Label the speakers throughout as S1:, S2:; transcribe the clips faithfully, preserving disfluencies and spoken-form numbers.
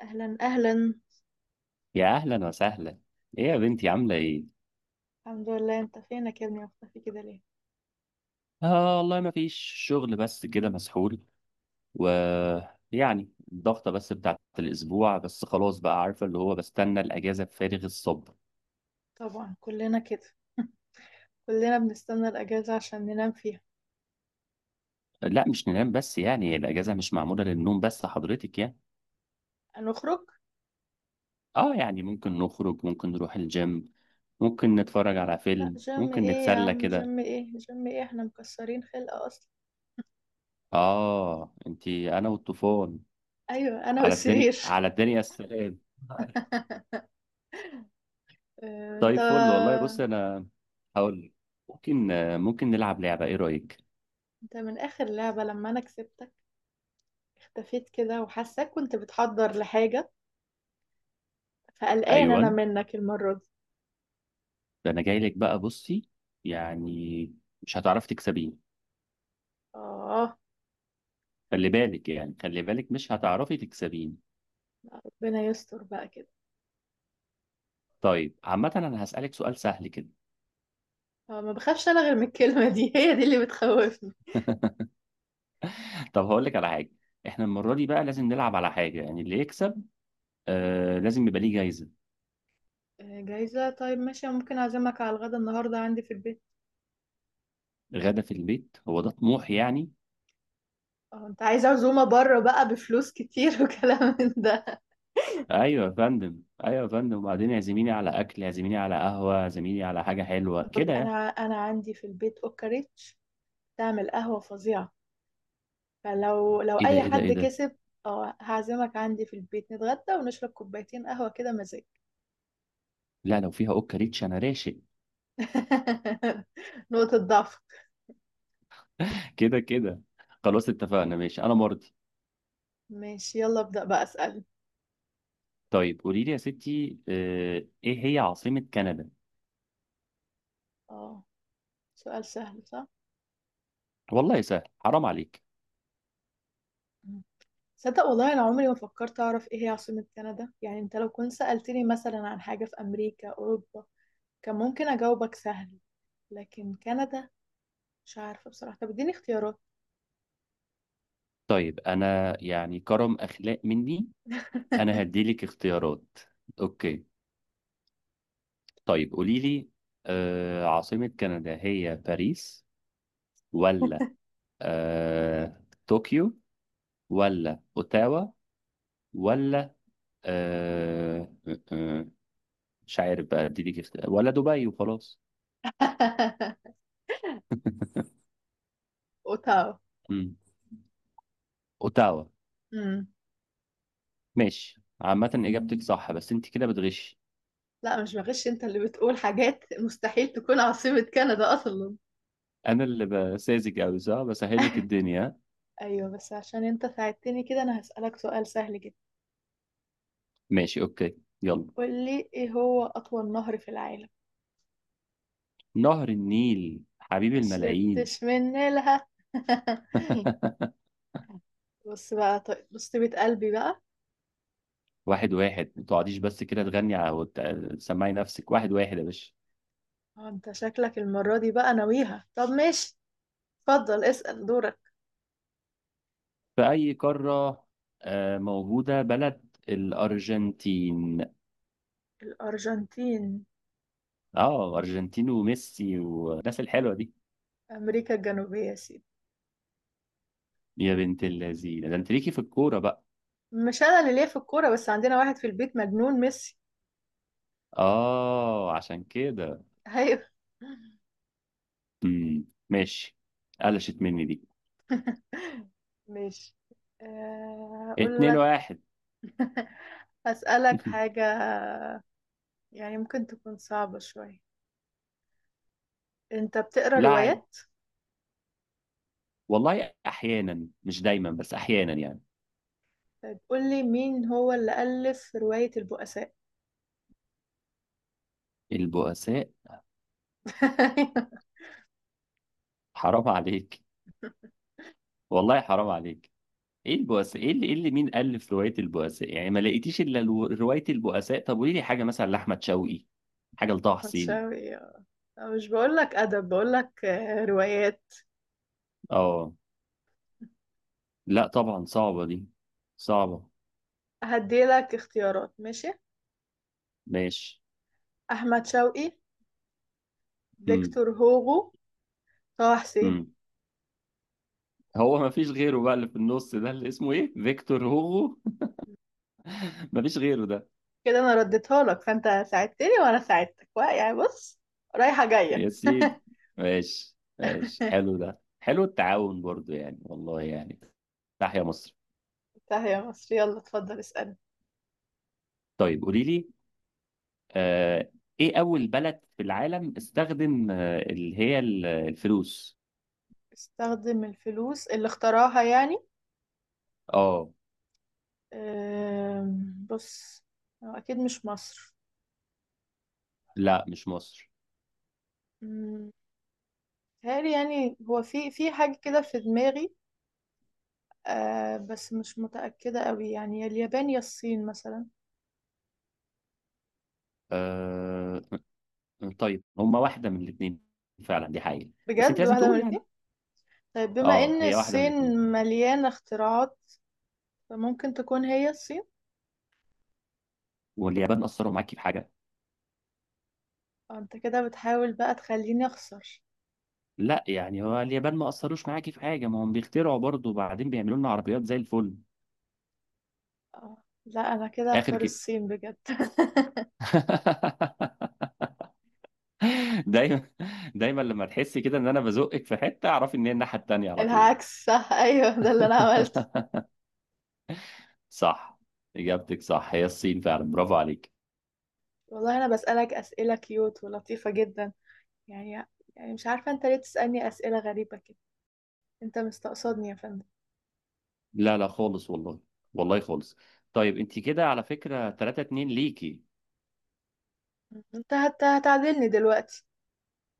S1: اهلا اهلا.
S2: يا اهلا وسهلا. ايه يا بنتي؟ عامله ايه؟
S1: الحمد لله، انت فينك يا ابني؟ مختفي كده ليه؟
S2: اه والله ما فيش شغل، بس كده مسحول. و يعني الضغطه بس بتاعت الاسبوع، بس خلاص بقى عارفه اللي هو بستنى الاجازه بفارغ الصبر.
S1: طبعا كلنا كده، كلنا بنستنى الاجازه عشان ننام فيها.
S2: لا مش ننام بس، يعني الاجازه مش معموله للنوم بس حضرتك يعني.
S1: هنخرج.
S2: اه يعني ممكن نخرج، ممكن نروح الجيم، ممكن نتفرج على
S1: لا،
S2: فيلم،
S1: جيم
S2: ممكن
S1: ايه يا
S2: نتسلى
S1: عم؟
S2: كده.
S1: جيم ايه؟ جيم ايه؟ احنا مكسرين خلقه اصلا.
S2: اه انتي انا والطوفان.
S1: ايوه، انا
S2: على الدنيا
S1: والسرير.
S2: على الدنيا السلام.
S1: آه، انت.
S2: طيب فل والله، بص انا هقول لك. ممكن ممكن نلعب لعبة، ايه رأيك؟
S1: انت من اخر لعبه لما انا كسبتك اختفيت كده، وحاساك كنت بتحضر لحاجه، فقلقان
S2: ايوه،
S1: انا منك المره دي.
S2: ده انا جاي لك بقى، بصي. يعني مش هتعرفي تكسبيني.
S1: اه.
S2: خلي بالك، يعني خلي بالك، مش هتعرفي تكسبيني.
S1: ربنا يستر بقى كده.
S2: طيب عامة انا هسألك سؤال سهل كده.
S1: آه، ما بخافش انا غير من الكلمه دي. هي دي اللي بتخوفني.
S2: طب هقول لك على حاجة. احنا المرة دي بقى لازم نلعب على حاجة، يعني اللي يكسب، آه لازم يبقى ليه جايزة.
S1: آه، جايزة؟ طيب ماشي، ممكن أعزمك على الغدا النهاردة عندي في البيت.
S2: غدا في البيت، هو ده طموح يعني؟
S1: اه، انت عايز عزومة بره بقى بفلوس كتير وكلام من ده.
S2: ايوه يا فندم، ايوه يا فندم، وبعدين يعزميني على اكل، يعزميني على قهوة، يعزميني على حاجة حلوة كده يعني.
S1: انا انا عندي في البيت اوكاريتش تعمل قهوة فظيعة، فلو لو
S2: ايه ده؟
S1: اي
S2: ايه ده؟ ايه
S1: حد
S2: ده؟
S1: كسب، اه هعزمك عندي في البيت، نتغدى ونشرب كوبايتين قهوة كده مزاج.
S2: لا لو فيها اوكا ريتش انا راشق.
S1: نقطة ضعف.
S2: كده كده. خلاص اتفقنا، ماشي انا مرضي.
S1: ماشي يلا ابدأ بقى، اسأل.
S2: طيب قولي لي يا ستي، آه، ايه هي عاصمة كندا؟
S1: اه، سؤال سهل صح؟
S2: والله سهل، حرام عليك.
S1: صدق والله، انا عمري ما فكرت اعرف ايه هي عاصمة كندا، يعني انت لو كنت سألتني مثلا عن حاجة في امريكا، اوروبا، كان ممكن اجاوبك سهل، لكن كندا مش عارفة بصراحة. طب اديني اختيارات.
S2: طيب انا يعني كرم اخلاق مني، انا هديلك اختيارات. اوكي. طيب قولي لي، آه، عاصمة كندا هي باريس، ولا آه، طوكيو، ولا اوتاوا، ولا آه، آه، آه، مش عارف بقى اديلك اختيار، ولا دبي وخلاص؟
S1: اوتاوا.
S2: مم. اوتاوا.
S1: امم.
S2: ماشي، عامة إجابتك صح بس أنت كده بتغش.
S1: لا مش بغش، انت اللي بتقول حاجات مستحيل تكون عاصمة كندا اصلا.
S2: أنا اللي بساذج أوي صح، بسهل لك الدنيا.
S1: ايوه، بس عشان انت ساعدتني كده انا هسألك سؤال سهل جدا.
S2: ماشي أوكي، يلا.
S1: قول لي، ايه هو اطول نهر في العالم؟
S2: نهر النيل حبيب
S1: ما
S2: الملايين.
S1: شربتش من نيلها. بص بقى، طيب بص بيت قلبي بقى.
S2: واحد واحد ما تقعديش بس كده تغني على- وت- تسمعي نفسك، واحد واحد يا باشا.
S1: اه، انت شكلك المرة دي بقى ناويها. طب ماشي، اتفضل اسأل دورك.
S2: في أي قارة آه، موجودة بلد الأرجنتين؟
S1: الأرجنتين.
S2: أه، أرجنتين وميسي والناس الحلوة دي.
S1: أمريكا الجنوبية يا سيدي.
S2: يا بنت اللذينة، ده أنت ليكي في الكورة بقى.
S1: مش أنا اللي ليا في الكورة، بس عندنا واحد في البيت مجنون ميسي.
S2: أه، عشان كده.
S1: أيوه.
S2: امم ماشي. قلشت مني دي.
S1: ماشي. آه، أقول
S2: اتنين
S1: لك.
S2: واحد
S1: هسألك حاجة، يعني ممكن تكون صعبة شوية. أنت بتقرأ
S2: لاعب.
S1: روايات؟
S2: والله احيانا، مش دايما بس احيانا يعني.
S1: طيب قول لي، مين هو اللي ألف رواية البؤساء؟
S2: البؤساء. حرام عليك، والله حرام عليك. ايه البؤساء؟ ايه اللي, إيه اللي مين الف روايه البؤساء يعني؟ ما لقيتيش الا الو- روايه البؤساء؟ طب قولي لي حاجه مثلا لاحمد شوقي، حاجه لطه حسين.
S1: متشابه. مش بقولك أدب، بقولك آه، روايات.
S2: اه، لا طبعا صعبه دي، صعبه.
S1: هديلك اختيارات ماشي.
S2: ماشي.
S1: أحمد شوقي،
S2: امم
S1: فيكتور هوغو، طه حسين.
S2: امم هو ما فيش غيره بقى اللي في النص ده اللي اسمه ايه؟ فيكتور هوغو؟ ما فيش غيره ده.
S1: كده أنا رديتها لك، فأنت ساعدتني وأنا ساعدتك وا- يعني بص، رايحة جاية.
S2: يا سيدي. ماشي ماشي، حلو ده، حلو التعاون برضو يعني والله يعني. تحيا مصر.
S1: انتهى يا مصر، يلا اتفضل اسأل.
S2: طيب قولي لي، آه ايه اول بلد في العالم استخدم آه اللي هي ال- الفلوس؟
S1: استخدم الفلوس اللي اختراها يعني؟
S2: اه،
S1: أم، بص، هو أكيد مش مصر.
S2: لا مش مصر.
S1: مم، متهيألي يعني، هو في في حاجة كده في دماغي، آه، بس مش متأكدة قوي. يعني يا اليابان يا الصين مثلا.
S2: آه طيب هما واحدة من الاثنين، فعلا دي حقيقة. بس انت
S1: بجد
S2: لازم
S1: واحدة من
S2: تقول يعني.
S1: الاتنين؟ طيب بما
S2: اه،
S1: ان
S2: هي واحدة من
S1: الصين
S2: الاثنين.
S1: مليانة اختراعات، فممكن تكون هي الصين.
S2: واليابان أثروا معاكي في حاجة؟
S1: آه، انت كده بتحاول بقى تخليني اخسر.
S2: لا يعني هو اليابان ما أثروش معاكي في حاجة؟ ما هم بيخترعوا برضو، وبعدين بيعملوا لنا عربيات زي الفل.
S1: آه لا، انا كده
S2: آخر.
S1: هختار الصين بجد.
S2: دايما، دايما لما تحسي كده ان انا بزقك في حته، اعرفي ان هي الناحيه التانيه على طول.
S1: العكس صح. ايوه ده اللي انا عملته.
S2: صح، اجابتك صح، هي الصين فعلا، برافو عليك.
S1: والله انا بسألك اسئلة كيوت ولطيفة جدا، يعني، يعني مش عارفة انت ليه تسألني اسئلة غريبة كده. انت مستقصدني يا فندم؟
S2: لا لا خالص والله، والله خالص. طيب انت كده على فكره تلاتة اتنين ليكي.
S1: انت هت- هتعدلني دلوقتي.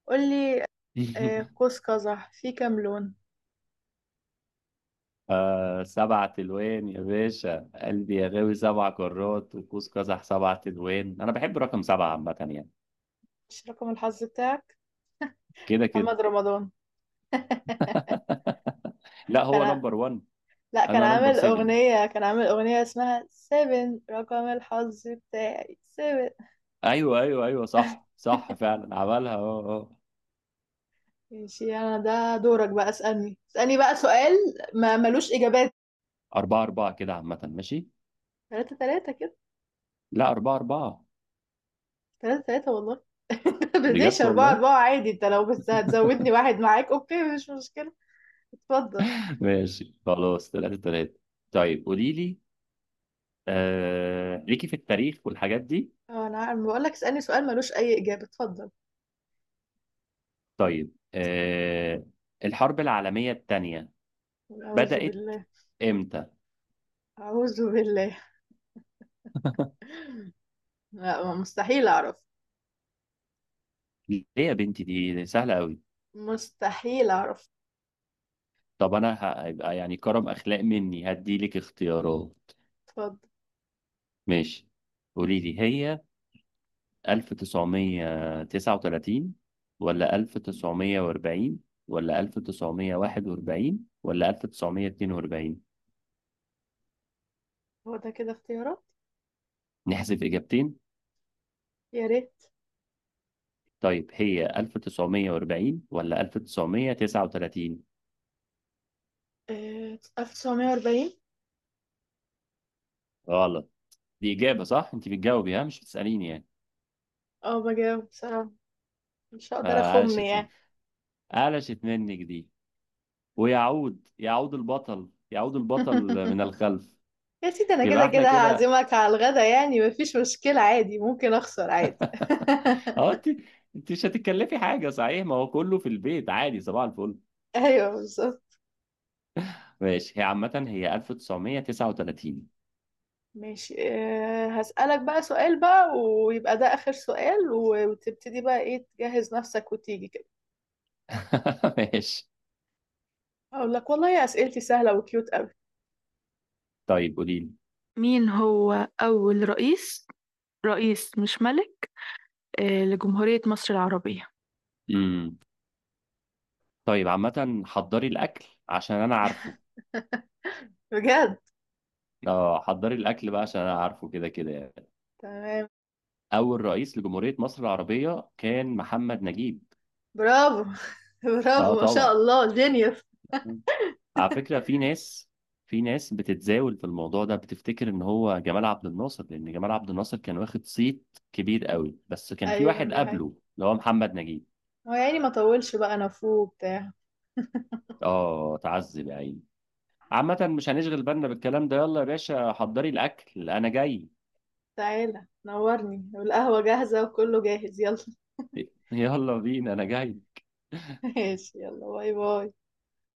S1: قولي. آه، قوس قزح فيه كام لون؟
S2: آه، سبع تلوين يا باشا قلبي يا غاوي، سبع كرات، وقوس قزح سبع تلوين، انا بحب رقم سبعه عامه يعني.
S1: مش رقم الحظ بتاعك؟
S2: كده كده.
S1: محمد رمضان.
S2: لا، هو
S1: كان،
S2: نمبر واحد.
S1: لا كان
S2: انا نمبر
S1: عامل
S2: سبعة.
S1: أغنية، كان عامل أغنية اسمها سيفن. رقم الحظ بتاعي سيفن.
S2: ايوه ايوه ايوه صح صح فعلا عملها اه اه.
S1: ماشي أنا، ده دورك بقى. اسألني، اسألني بقى سؤال ما ملوش إجابات.
S2: أربعة أربعة كده عامة، ماشي.
S1: تلاتة تلاتة كده.
S2: لا، أربعة أربعة.
S1: تلاتة تلاتة والله. بديش
S2: بجد
S1: أربعة
S2: والله.
S1: أربعة عادي، أنت لو بس هتزودني واحد معاك أوكي مش مشكلة. اتفضل.
S2: ماشي خلاص، تلاتة تلاتة. طيب قولي لي، آه... ليكي في التاريخ والحاجات دي.
S1: أه، أنا عارف، بقول لك اسألني سؤال ملوش أي إجابة. اتفضل.
S2: طيب آه... الحرب العالمية التانية
S1: أعوذ
S2: بدأت
S1: بالله.
S2: امتى؟
S1: أعوذ بالله. لا مستحيل اعرف.
S2: ليه يا بنتي؟ دي دي سهلة قوي.
S1: مستحيل اعرف.
S2: طب أنا هيبقى يعني كرم أخلاق مني هدي لك اختيارات.
S1: اتفضل.
S2: ماشي. قولي لي هي ألف وتسعمية وتسعة وتلاتين، ولا ألف وتسعمية وأربعين، ولا ألف وتسعمية وواحد وأربعين، ولا ألف وتسعمية واتنين وأربعين؟
S1: هو ده كده اختيارات؟
S2: نحذف إجابتين.
S1: يا ريت.
S2: طيب هي ألف وتسعمية وأربعين ولا ألف وتسعمية وتسعة وتلاتين؟
S1: آه، ألف وتسعمية وأربعين.
S2: غلط. دي إجابة صح، أنت بتجاوبي ها مش بتسأليني يعني.
S1: اه بجاوب بصراحة، مش هقدر
S2: آه،
S1: اخم
S2: قلشت،
S1: يعني.
S2: قلشت منك دي. ويعود، يعود البطل، يعود البطل من الخلف.
S1: يا سيدي انا
S2: يبقى
S1: كده
S2: احنا
S1: كده
S2: كده.
S1: هعزمك على الغدا، يعني مفيش مشكلة عادي، ممكن اخسر عادي.
S2: اه، انت انت مش هتتكلفي حاجة صحيح، ما هو كله في البيت عادي، صباح الفل.
S1: ايوه بالظبط.
S2: ماشي، هي عامة هي ألف وتسعمية وتسعة وتلاتين.
S1: ماشي. آه، هسألك بقى سؤال، بقى ويبقى ده آخر سؤال، و- وتبتدي بقى ايه، تجهز نفسك وتيجي كده.
S2: ماشي.
S1: اقول لك والله اسئلتي سهلة وكيوت قوي.
S2: طيب قولي لي.
S1: مين هو أول رئيس، رئيس مش ملك، آه، لجمهورية مصر العربية؟
S2: امم طيب عامة، حضري الأكل عشان أنا عارفه.
S1: بجد.
S2: اه، حضري الأكل بقى عشان أنا عارفه كده كده يعني.
S1: تمام.
S2: أول رئيس لجمهورية مصر العربية كان محمد نجيب.
S1: برافو.
S2: اه
S1: برافو ما
S2: طبعا.
S1: شاء الله، جينيوس.
S2: مم. على فكرة في ناس، في ناس بتتزاول في الموضوع ده، بتفتكر إن هو جمال عبد الناصر، لأن جمال عبد الناصر كان واخد صيت كبير قوي، بس كان في
S1: ايوه
S2: واحد
S1: دي حقيقة.
S2: قبله اللي هو محمد نجيب.
S1: هو يا عيني ما طولش بقى، انا فوق بتاع.
S2: اه، تعذب يا عيني. عامة مش هنشغل بالنا بالكلام ده. يلا يا باشا حضري الأكل أنا جاي.
S1: تعالى نورني، والقهوة جاهزة وكله جاهز، يلا.
S2: يلا بينا أنا جاي.
S1: ماشي يلا، باي باي.